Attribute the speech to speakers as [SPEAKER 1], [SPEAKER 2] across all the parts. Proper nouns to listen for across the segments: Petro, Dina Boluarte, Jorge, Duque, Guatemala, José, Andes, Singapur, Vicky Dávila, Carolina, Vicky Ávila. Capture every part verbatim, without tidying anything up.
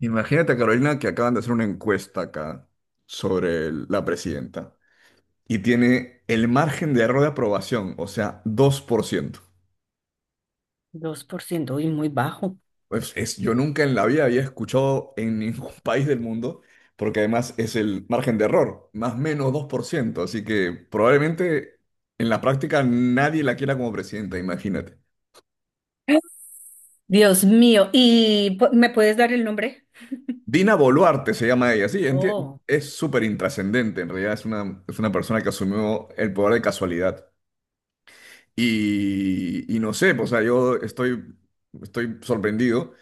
[SPEAKER 1] Imagínate, Carolina, que acaban de hacer una encuesta acá sobre el- la presidenta y tiene el margen de error de aprobación, o sea, dos por ciento.
[SPEAKER 2] Dos por ciento y muy bajo.
[SPEAKER 1] Pues es, yo nunca en la vida había escuchado en ningún país del mundo, porque además es el margen de error, más o menos dos por ciento, así que probablemente en la práctica nadie la quiera como presidenta, imagínate.
[SPEAKER 2] Dios mío, ¿y pu- me puedes dar el nombre?
[SPEAKER 1] Dina Boluarte se llama ella, sí, enti-
[SPEAKER 2] Oh,
[SPEAKER 1] es súper intrascendente, en realidad es una, es una persona que asumió el poder de casualidad. Y, y no sé, pues, o sea, yo estoy, estoy sorprendido.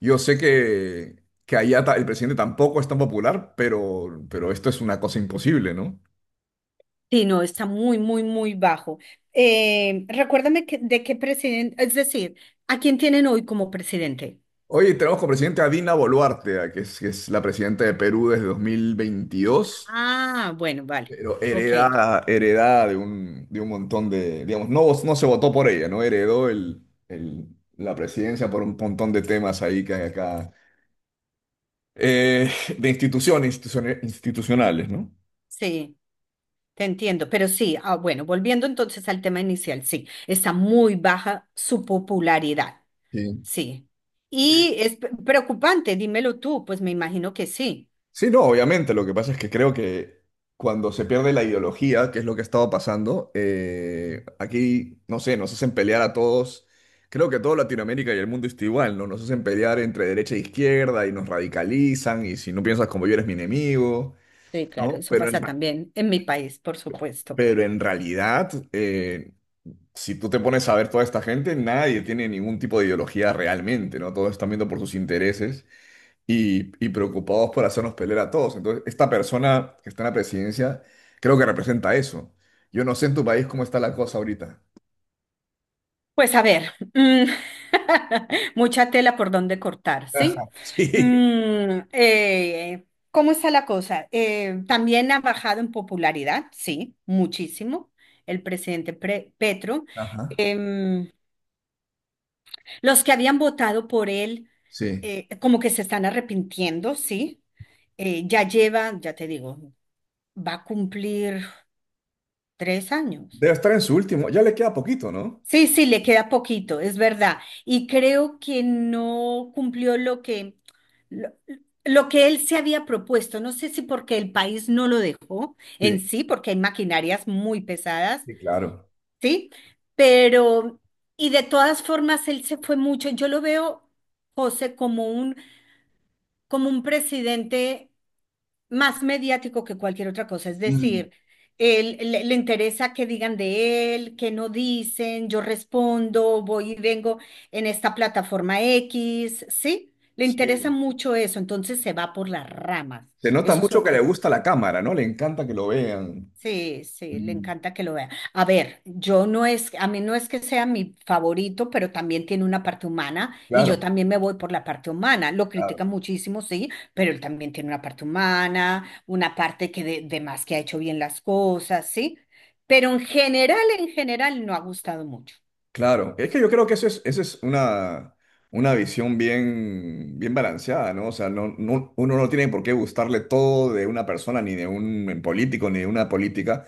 [SPEAKER 1] Yo sé que, que allá ta- el presidente tampoco es tan popular, pero, pero esto es una cosa imposible, ¿no?
[SPEAKER 2] sí, no, está muy, muy, muy bajo. Eh, recuérdame que- de qué presidente, es decir, ¿a quién tienen hoy como presidente?
[SPEAKER 1] Oye, tenemos como presidente a Dina Boluarte, a que es, que es la presidenta de Perú desde dos mil veintidós,
[SPEAKER 2] Ah, bueno, vale.
[SPEAKER 1] pero
[SPEAKER 2] Ok,
[SPEAKER 1] heredada, heredada de un, de un montón de, digamos, no, vo- no se votó por ella, ¿no? Heredó el, el- la presidencia por un montón de temas ahí que hay acá, eh, de instituciones instituciones institucionales, ¿no?
[SPEAKER 2] sí, te entiendo. Pero sí, ah, bueno, volviendo entonces al tema inicial, sí, está muy baja su popularidad,
[SPEAKER 1] Sí.
[SPEAKER 2] sí. Y es p- preocupante, dímelo tú, pues me imagino que sí.
[SPEAKER 1] Sí, no, obviamente. Lo que pasa es que creo que cuando se pierde la ideología, que es lo que ha estado pasando, eh, aquí, no sé, nos hacen pelear a todos. Creo que toda Latinoamérica y el mundo está igual, ¿no? Nos hacen pelear entre derecha e izquierda y nos radicalizan y si no piensas como yo eres mi enemigo,
[SPEAKER 2] Sí, claro,
[SPEAKER 1] ¿no?
[SPEAKER 2] eso
[SPEAKER 1] Pero en,
[SPEAKER 2] pasa también en mi país, por supuesto.
[SPEAKER 1] pero en realidad, eh, si tú te pones a ver toda esta gente, nadie tiene ningún tipo de ideología realmente, ¿no? Todos están viendo por sus intereses y, y preocupados por hacernos pelear a todos. Entonces, esta persona que está en la presidencia creo que representa eso. Yo no sé en tu país cómo está la cosa ahorita.
[SPEAKER 2] Pues a ver, mm, mucha tela por donde cortar, ¿sí?
[SPEAKER 1] Sí.
[SPEAKER 2] Mm, eh, ¿Cómo está la cosa? Eh, también ha bajado en popularidad, sí, muchísimo, el presidente Pre- Petro.
[SPEAKER 1] Ajá.
[SPEAKER 2] Em, los que habían votado por él,
[SPEAKER 1] Sí.
[SPEAKER 2] eh, como que se están arrepintiendo, ¿sí? Eh, ya lleva, ya te digo, va a cumplir tres años.
[SPEAKER 1] Debe estar en su último. Ya le queda poquito, ¿no?
[SPEAKER 2] Sí, sí, le queda poquito, es verdad. Y creo que no cumplió lo que, lo, lo que él se había propuesto. No sé si porque el país no lo dejó, en
[SPEAKER 1] Sí,
[SPEAKER 2] sí, porque hay maquinarias muy pesadas,
[SPEAKER 1] sí, claro.
[SPEAKER 2] ¿sí? Pero, y de todas formas, él se fue mucho. Yo lo veo, José, como un, como un presidente más mediático que cualquier otra cosa. Es
[SPEAKER 1] Mm,
[SPEAKER 2] decir, él, le, le interesa que digan de él, que no dicen, yo respondo, voy y vengo en esta plataforma X, ¿sí? Le interesa
[SPEAKER 1] sí.
[SPEAKER 2] mucho eso, entonces se va por las ramas.
[SPEAKER 1] Se nota
[SPEAKER 2] Eso es lo
[SPEAKER 1] mucho que le
[SPEAKER 2] que...
[SPEAKER 1] gusta la cámara, ¿no? Le encanta que lo vean.
[SPEAKER 2] Sí, sí, le
[SPEAKER 1] Mm,
[SPEAKER 2] encanta que lo vea. A ver, yo no es, a mí no es que sea mi favorito, pero también tiene una parte humana y yo
[SPEAKER 1] claro.
[SPEAKER 2] también me voy por la parte humana. Lo critica muchísimo, sí, pero él también tiene una parte humana, una parte que de, de más, que ha hecho bien las cosas, sí. Pero en general, en general, no ha gustado mucho.
[SPEAKER 1] Claro, es que yo creo que eso es, eso es una, una visión bien, bien balanceada, ¿no? O sea, no, no- uno no tiene por qué gustarle todo de una persona, ni de un político, ni de una política,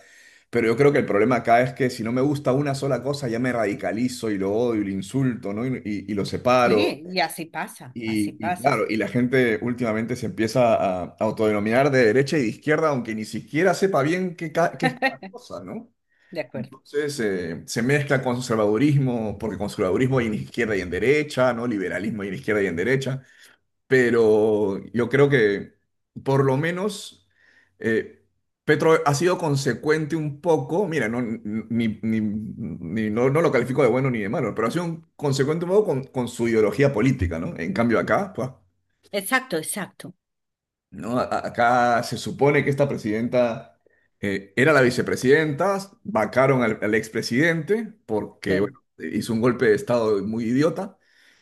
[SPEAKER 1] pero yo creo que el problema acá es que si no me gusta una sola cosa, ya me radicalizo y lo odio y lo insulto, ¿no? Y, y- y lo separo.
[SPEAKER 2] Sí, y así pasa, así
[SPEAKER 1] Y, y
[SPEAKER 2] pasa.
[SPEAKER 1] claro, y la gente últimamente se empieza a autodenominar de derecha y de izquierda, aunque ni siquiera sepa bien qué, ca- qué es cada cosa, ¿no?
[SPEAKER 2] De acuerdo.
[SPEAKER 1] Entonces eh, se mezcla con conservadurismo, porque conservadurismo hay en izquierda y en derecha, ¿no? Liberalismo hay en izquierda y en derecha, pero yo creo que por lo menos eh, Petro ha sido consecuente un poco, mira, no, n- ni, ni- ni- no, no lo califico de bueno ni de malo, pero ha sido un- consecuente un poco con, con su ideología política, ¿no? En cambio acá, pues,
[SPEAKER 2] Exacto, exacto.
[SPEAKER 1] no, A- acá se supone que esta presidenta eh, era la vicepresidenta, vacaron al, al expresidente porque
[SPEAKER 2] Sí,
[SPEAKER 1] bueno, hizo un golpe de estado muy idiota,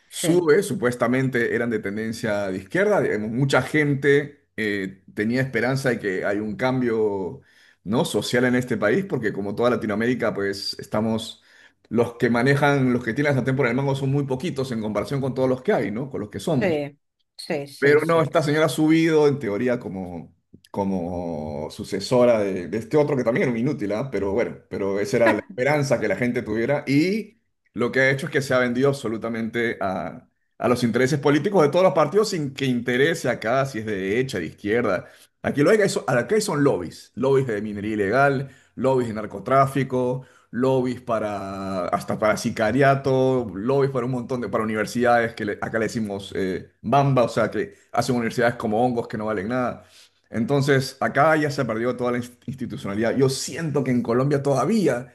[SPEAKER 2] sí,
[SPEAKER 1] sube, supuestamente eran de tendencia de izquierda, digamos, mucha gente eh, tenía esperanza de que hay un cambio, ¿no? Social en este país, porque como toda Latinoamérica, pues estamos, los que manejan, los que tienen la sartén por el mango son muy poquitos en comparación con todos los que hay, ¿no? Con los que somos.
[SPEAKER 2] sí, sí, sí,
[SPEAKER 1] Pero no,
[SPEAKER 2] sí.
[SPEAKER 1] esta señora ha subido en teoría como, como sucesora de, de este otro que también era un inútil, ¿ah? Pero bueno, pero esa era la esperanza que la gente tuviera y lo que ha hecho es que se ha vendido absolutamente a, a los intereses políticos de todos los partidos sin que interese acá si es de derecha, de izquierda. Aquí lo hay, que hay, son- acá hay son lobbies, lobbies de minería ilegal, lobbies de narcotráfico, lobbies para hasta para sicariato, lobbies para un montón de para universidades que le- acá le decimos eh, bamba, o sea que hacen universidades como hongos que no valen nada. Entonces, acá ya se perdió toda la inst- institucionalidad. Yo siento que en Colombia todavía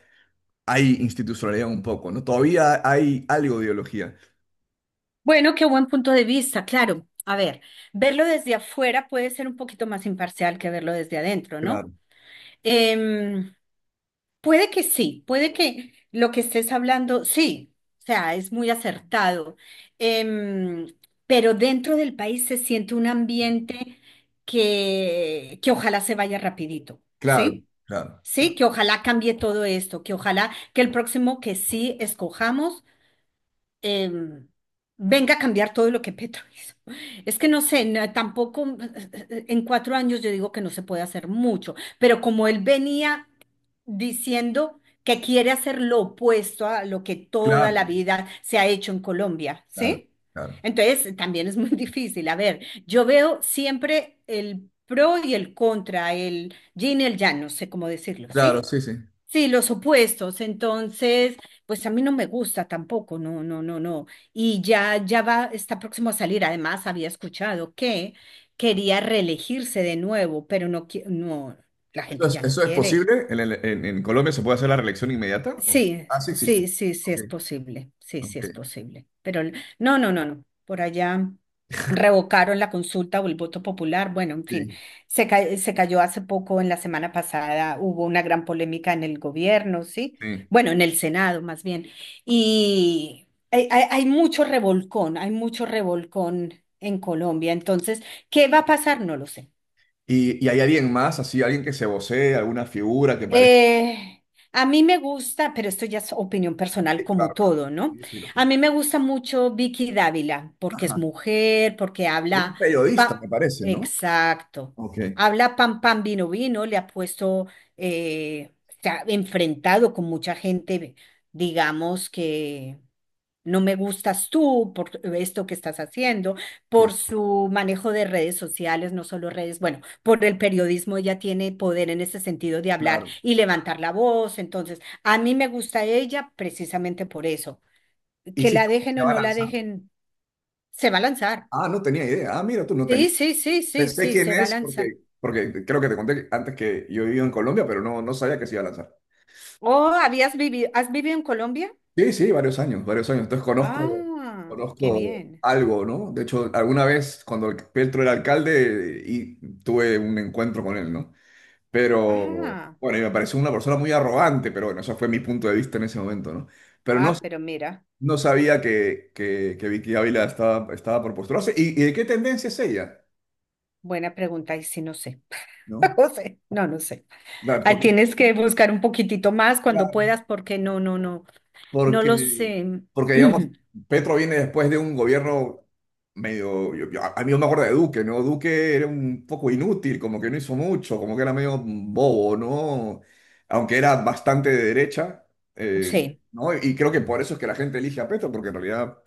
[SPEAKER 1] hay institucionalidad un poco, ¿no? Todavía hay algo de ideología.
[SPEAKER 2] Bueno, qué buen punto de vista, claro. A ver, verlo desde afuera puede ser un poquito más imparcial que verlo desde adentro, ¿no?
[SPEAKER 1] Claro,
[SPEAKER 2] Em, Puede que sí, puede que lo que estés hablando, sí, o sea, es muy acertado. Em, pero dentro del país se siente un ambiente que, que ojalá se vaya rapidito,
[SPEAKER 1] claro,
[SPEAKER 2] ¿sí?
[SPEAKER 1] claro,
[SPEAKER 2] Sí,
[SPEAKER 1] claro,
[SPEAKER 2] que ojalá cambie todo esto, que ojalá que el próximo que sí escojamos, em, venga a cambiar todo lo que Petro hizo. Es que no sé, na- tampoco, eh, eh, en cuatro años yo digo que no se puede hacer mucho, pero como él venía diciendo que quiere hacer lo opuesto a lo que toda la
[SPEAKER 1] claro,
[SPEAKER 2] vida se ha hecho en Colombia,
[SPEAKER 1] claro,
[SPEAKER 2] ¿sí?
[SPEAKER 1] claro,
[SPEAKER 2] Entonces también es muy difícil. A ver, yo veo siempre el pro y el contra, el yin y el yang, no sé cómo decirlo,
[SPEAKER 1] claro,
[SPEAKER 2] ¿sí?
[SPEAKER 1] sí, sí.
[SPEAKER 2] Sí, los opuestos. Entonces, pues a mí no me gusta tampoco, no, no, no, no. Y ya, ya va, está próximo a salir. Además, había escuchado que quería reelegirse de nuevo, pero no, qui- no, la
[SPEAKER 1] ¿Eso
[SPEAKER 2] gente
[SPEAKER 1] es,
[SPEAKER 2] ya no
[SPEAKER 1] eso es
[SPEAKER 2] quiere.
[SPEAKER 1] posible? ¿En, el- en- en Colombia se puede hacer la reelección inmediata? ¿O?
[SPEAKER 2] Sí,
[SPEAKER 1] Ah, sí existe.
[SPEAKER 2] sí, sí, sí
[SPEAKER 1] Ok,
[SPEAKER 2] es posible, sí, sí es
[SPEAKER 1] ok,
[SPEAKER 2] posible. Pero el- no, no, no, no. Por allá revocaron la consulta o el voto popular. Bueno, en fin,
[SPEAKER 1] sí,
[SPEAKER 2] se, ca- se cayó hace poco, en la semana pasada hubo una gran polémica en el gobierno, ¿sí?
[SPEAKER 1] sí.
[SPEAKER 2] Bueno, en el Senado más bien. Y hay, hay- hay mucho revolcón, hay mucho revolcón en Colombia. Entonces, ¿qué va a pasar? No lo sé.
[SPEAKER 1] Y, y hay alguien más, así, alguien que se vocee, alguna figura que parezca.
[SPEAKER 2] Eh, a mí me gusta, pero esto ya es opinión personal
[SPEAKER 1] Sí,
[SPEAKER 2] como
[SPEAKER 1] claro, claro.
[SPEAKER 2] todo, ¿no?
[SPEAKER 1] Sí, sí, lo vi.
[SPEAKER 2] A mí me gusta mucho Vicky Dávila porque es
[SPEAKER 1] Ajá.
[SPEAKER 2] mujer, porque
[SPEAKER 1] Ella es
[SPEAKER 2] habla,
[SPEAKER 1] periodista, me
[SPEAKER 2] pa-
[SPEAKER 1] parece, ¿no?
[SPEAKER 2] exacto,
[SPEAKER 1] Ok,
[SPEAKER 2] habla pam pam vino vino, le ha puesto, eh, se ha enfrentado con mucha gente, digamos que no me gustas tú por esto que estás haciendo, por
[SPEAKER 1] sí,
[SPEAKER 2] su manejo de redes sociales, no solo redes, bueno, por el periodismo ella tiene poder en ese sentido de hablar
[SPEAKER 1] claro.
[SPEAKER 2] y levantar la voz. Entonces, a mí me gusta ella precisamente por eso.
[SPEAKER 1] ¿Y
[SPEAKER 2] Que
[SPEAKER 1] si se
[SPEAKER 2] la dejen
[SPEAKER 1] se
[SPEAKER 2] o
[SPEAKER 1] va a
[SPEAKER 2] no la
[SPEAKER 1] lanzar?
[SPEAKER 2] dejen, se va a lanzar.
[SPEAKER 1] Ah, no tenía idea. Ah, mira, tú no
[SPEAKER 2] Sí,
[SPEAKER 1] tenías.
[SPEAKER 2] sí, sí,
[SPEAKER 1] Sé,
[SPEAKER 2] sí,
[SPEAKER 1] sé
[SPEAKER 2] sí,
[SPEAKER 1] quién
[SPEAKER 2] se va a
[SPEAKER 1] es
[SPEAKER 2] lanzar.
[SPEAKER 1] porque, porque creo que te conté antes que yo vivía en Colombia, pero no, no sabía que se iba a lanzar.
[SPEAKER 2] Oh, ¿habías vivido, has vivido en Colombia?
[SPEAKER 1] Sí, sí, varios años, varios años. Entonces conozco,
[SPEAKER 2] Ah, qué
[SPEAKER 1] conozco
[SPEAKER 2] bien.
[SPEAKER 1] algo, ¿no? De hecho, alguna vez cuando el- Petro era alcalde y tuve un encuentro con él, ¿no? Pero
[SPEAKER 2] Ah,
[SPEAKER 1] bueno, y me pareció una persona muy arrogante, pero bueno, eso fue mi punto de vista en ese momento, ¿no? Pero no,
[SPEAKER 2] ah, pero mira,
[SPEAKER 1] no sabía que, que, que Vicky Ávila estaba, estaba por postularse. ¿Y, y de qué tendencia es ella?
[SPEAKER 2] buena pregunta, y si no sé.
[SPEAKER 1] ¿No?
[SPEAKER 2] No sé, no, no sé.
[SPEAKER 1] Da-
[SPEAKER 2] Ah,
[SPEAKER 1] Porque,
[SPEAKER 2] tienes que buscar un poquitito más cuando puedas, porque no, no, no, no lo
[SPEAKER 1] porque,
[SPEAKER 2] sé.
[SPEAKER 1] porque digamos, Petro viene después de un gobierno medio, yo- yo- a mí yo me acuerdo de Duque, ¿no? Duque era un poco inútil, como que no hizo mucho, como que era medio bobo, ¿no? Aunque era bastante de derecha, eh,
[SPEAKER 2] Sí,
[SPEAKER 1] ¿no? Y creo que por eso es que la gente elige a Petro, porque en realidad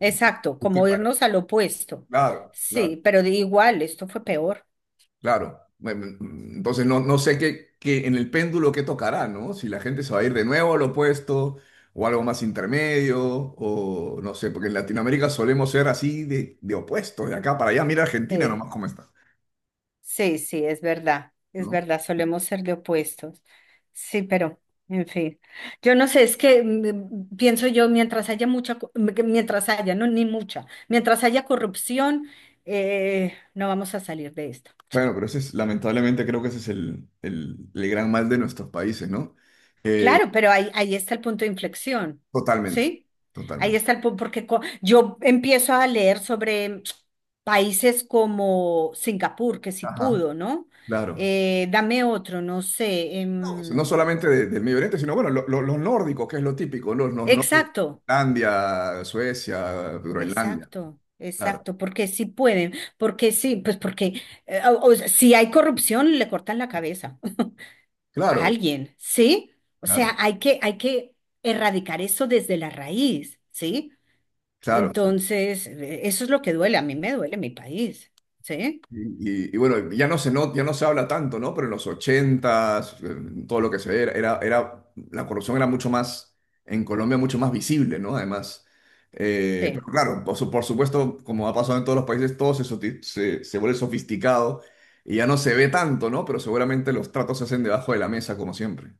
[SPEAKER 2] exacto,
[SPEAKER 1] Duque
[SPEAKER 2] como
[SPEAKER 1] para...
[SPEAKER 2] irnos al opuesto.
[SPEAKER 1] Claro, claro.
[SPEAKER 2] Sí, pero de igual, esto fue peor.
[SPEAKER 1] Claro. Em, entonces no, no sé qué, qué en el péndulo qué tocará, ¿no? Si la gente se va a ir de nuevo a lo opuesto o algo más intermedio o no sé, porque en Latinoamérica solemos ser así de, de opuesto, de acá para allá. Mira Argentina
[SPEAKER 2] Sí,
[SPEAKER 1] nomás cómo está,
[SPEAKER 2] sí, sí, es verdad, es
[SPEAKER 1] ¿no?
[SPEAKER 2] verdad, solemos ser de opuestos. Sí, pero, en fin, yo no sé, es que mm, pienso yo, mientras haya mucha, co- m- que mientras haya, no, ni mucha, mientras haya corrupción, eh, no vamos a salir de esto.
[SPEAKER 1] Bueno, pero ese es, lamentablemente creo que ese es el, el, el gran mal de nuestros países, ¿no? Eh,
[SPEAKER 2] Claro, pero ahí, ahí está el punto de inflexión,
[SPEAKER 1] totalmente,
[SPEAKER 2] ¿sí? Ahí
[SPEAKER 1] totalmente.
[SPEAKER 2] está el punto, porque co- yo empiezo a leer sobre países como Singapur, que sí
[SPEAKER 1] Ajá.
[SPEAKER 2] pudo, ¿no?
[SPEAKER 1] Claro.
[SPEAKER 2] Eh, dame otro, no sé.
[SPEAKER 1] Todos, no
[SPEAKER 2] Em,
[SPEAKER 1] solamente de- del Medio Oriente, sino bueno, lo- lo- los nórdicos, que es lo típico, los, los nórdicos,
[SPEAKER 2] exacto,
[SPEAKER 1] Finlandia, Suecia, Groenlandia,
[SPEAKER 2] exacto,
[SPEAKER 1] claro,
[SPEAKER 2] exacto, porque sí pueden, porque sí, pues porque eh, o- o sea, si hay corrupción, le cortan la cabeza a
[SPEAKER 1] claro,
[SPEAKER 2] alguien, ¿sí? O sea,
[SPEAKER 1] claro,
[SPEAKER 2] hay que, hay que erradicar eso desde la raíz, ¿sí?
[SPEAKER 1] claro. Sí.
[SPEAKER 2] Entonces, eh, eso es lo que duele. A mí me duele mi país, ¿sí?
[SPEAKER 1] Y, y- y bueno, ya no se no, ya no se habla tanto, ¿no? Pero en los ochentas, en todo lo que se ve, era, era, era- la corrupción era mucho más, en Colombia, mucho más visible, ¿no? Además, eh, pero
[SPEAKER 2] Sí,
[SPEAKER 1] claro, por, su- por supuesto, como ha pasado en todos los países, todo se, soti- se, se vuelve sofisticado y ya no se ve tanto, ¿no? Pero seguramente los tratos se hacen debajo de la mesa, como siempre,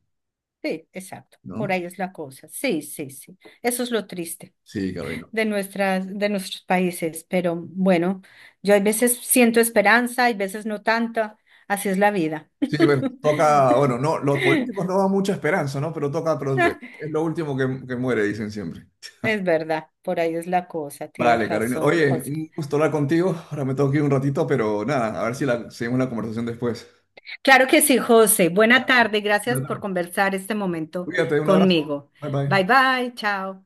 [SPEAKER 2] sí, exacto. Por
[SPEAKER 1] ¿no?
[SPEAKER 2] ahí es la cosa. Sí, sí, sí. Eso es lo triste
[SPEAKER 1] Sí, Carolina.
[SPEAKER 2] de nuestras, de nuestros países. Pero bueno, yo hay veces siento esperanza, hay veces no tanta. Así es la vida.
[SPEAKER 1] Sí, bueno, toca, bueno, no, los políticos no dan mucha esperanza, ¿no? Pero toca, pero es lo último que, que muere, dicen siempre.
[SPEAKER 2] Es verdad, por ahí es la cosa.
[SPEAKER 1] Vale,
[SPEAKER 2] Tienes
[SPEAKER 1] Carolina.
[SPEAKER 2] razón,
[SPEAKER 1] Oye,
[SPEAKER 2] José.
[SPEAKER 1] un gusto hablar contigo. Ahora me tengo que ir un ratito, pero nada, a ver si la, seguimos la conversación después.
[SPEAKER 2] Claro que sí, José. Buena
[SPEAKER 1] Vale.
[SPEAKER 2] tarde. Gracias
[SPEAKER 1] Buena
[SPEAKER 2] por
[SPEAKER 1] tarde.
[SPEAKER 2] conversar este momento
[SPEAKER 1] Cuídate, un abrazo.
[SPEAKER 2] conmigo.
[SPEAKER 1] Bye
[SPEAKER 2] Bye,
[SPEAKER 1] bye.
[SPEAKER 2] bye. Chao.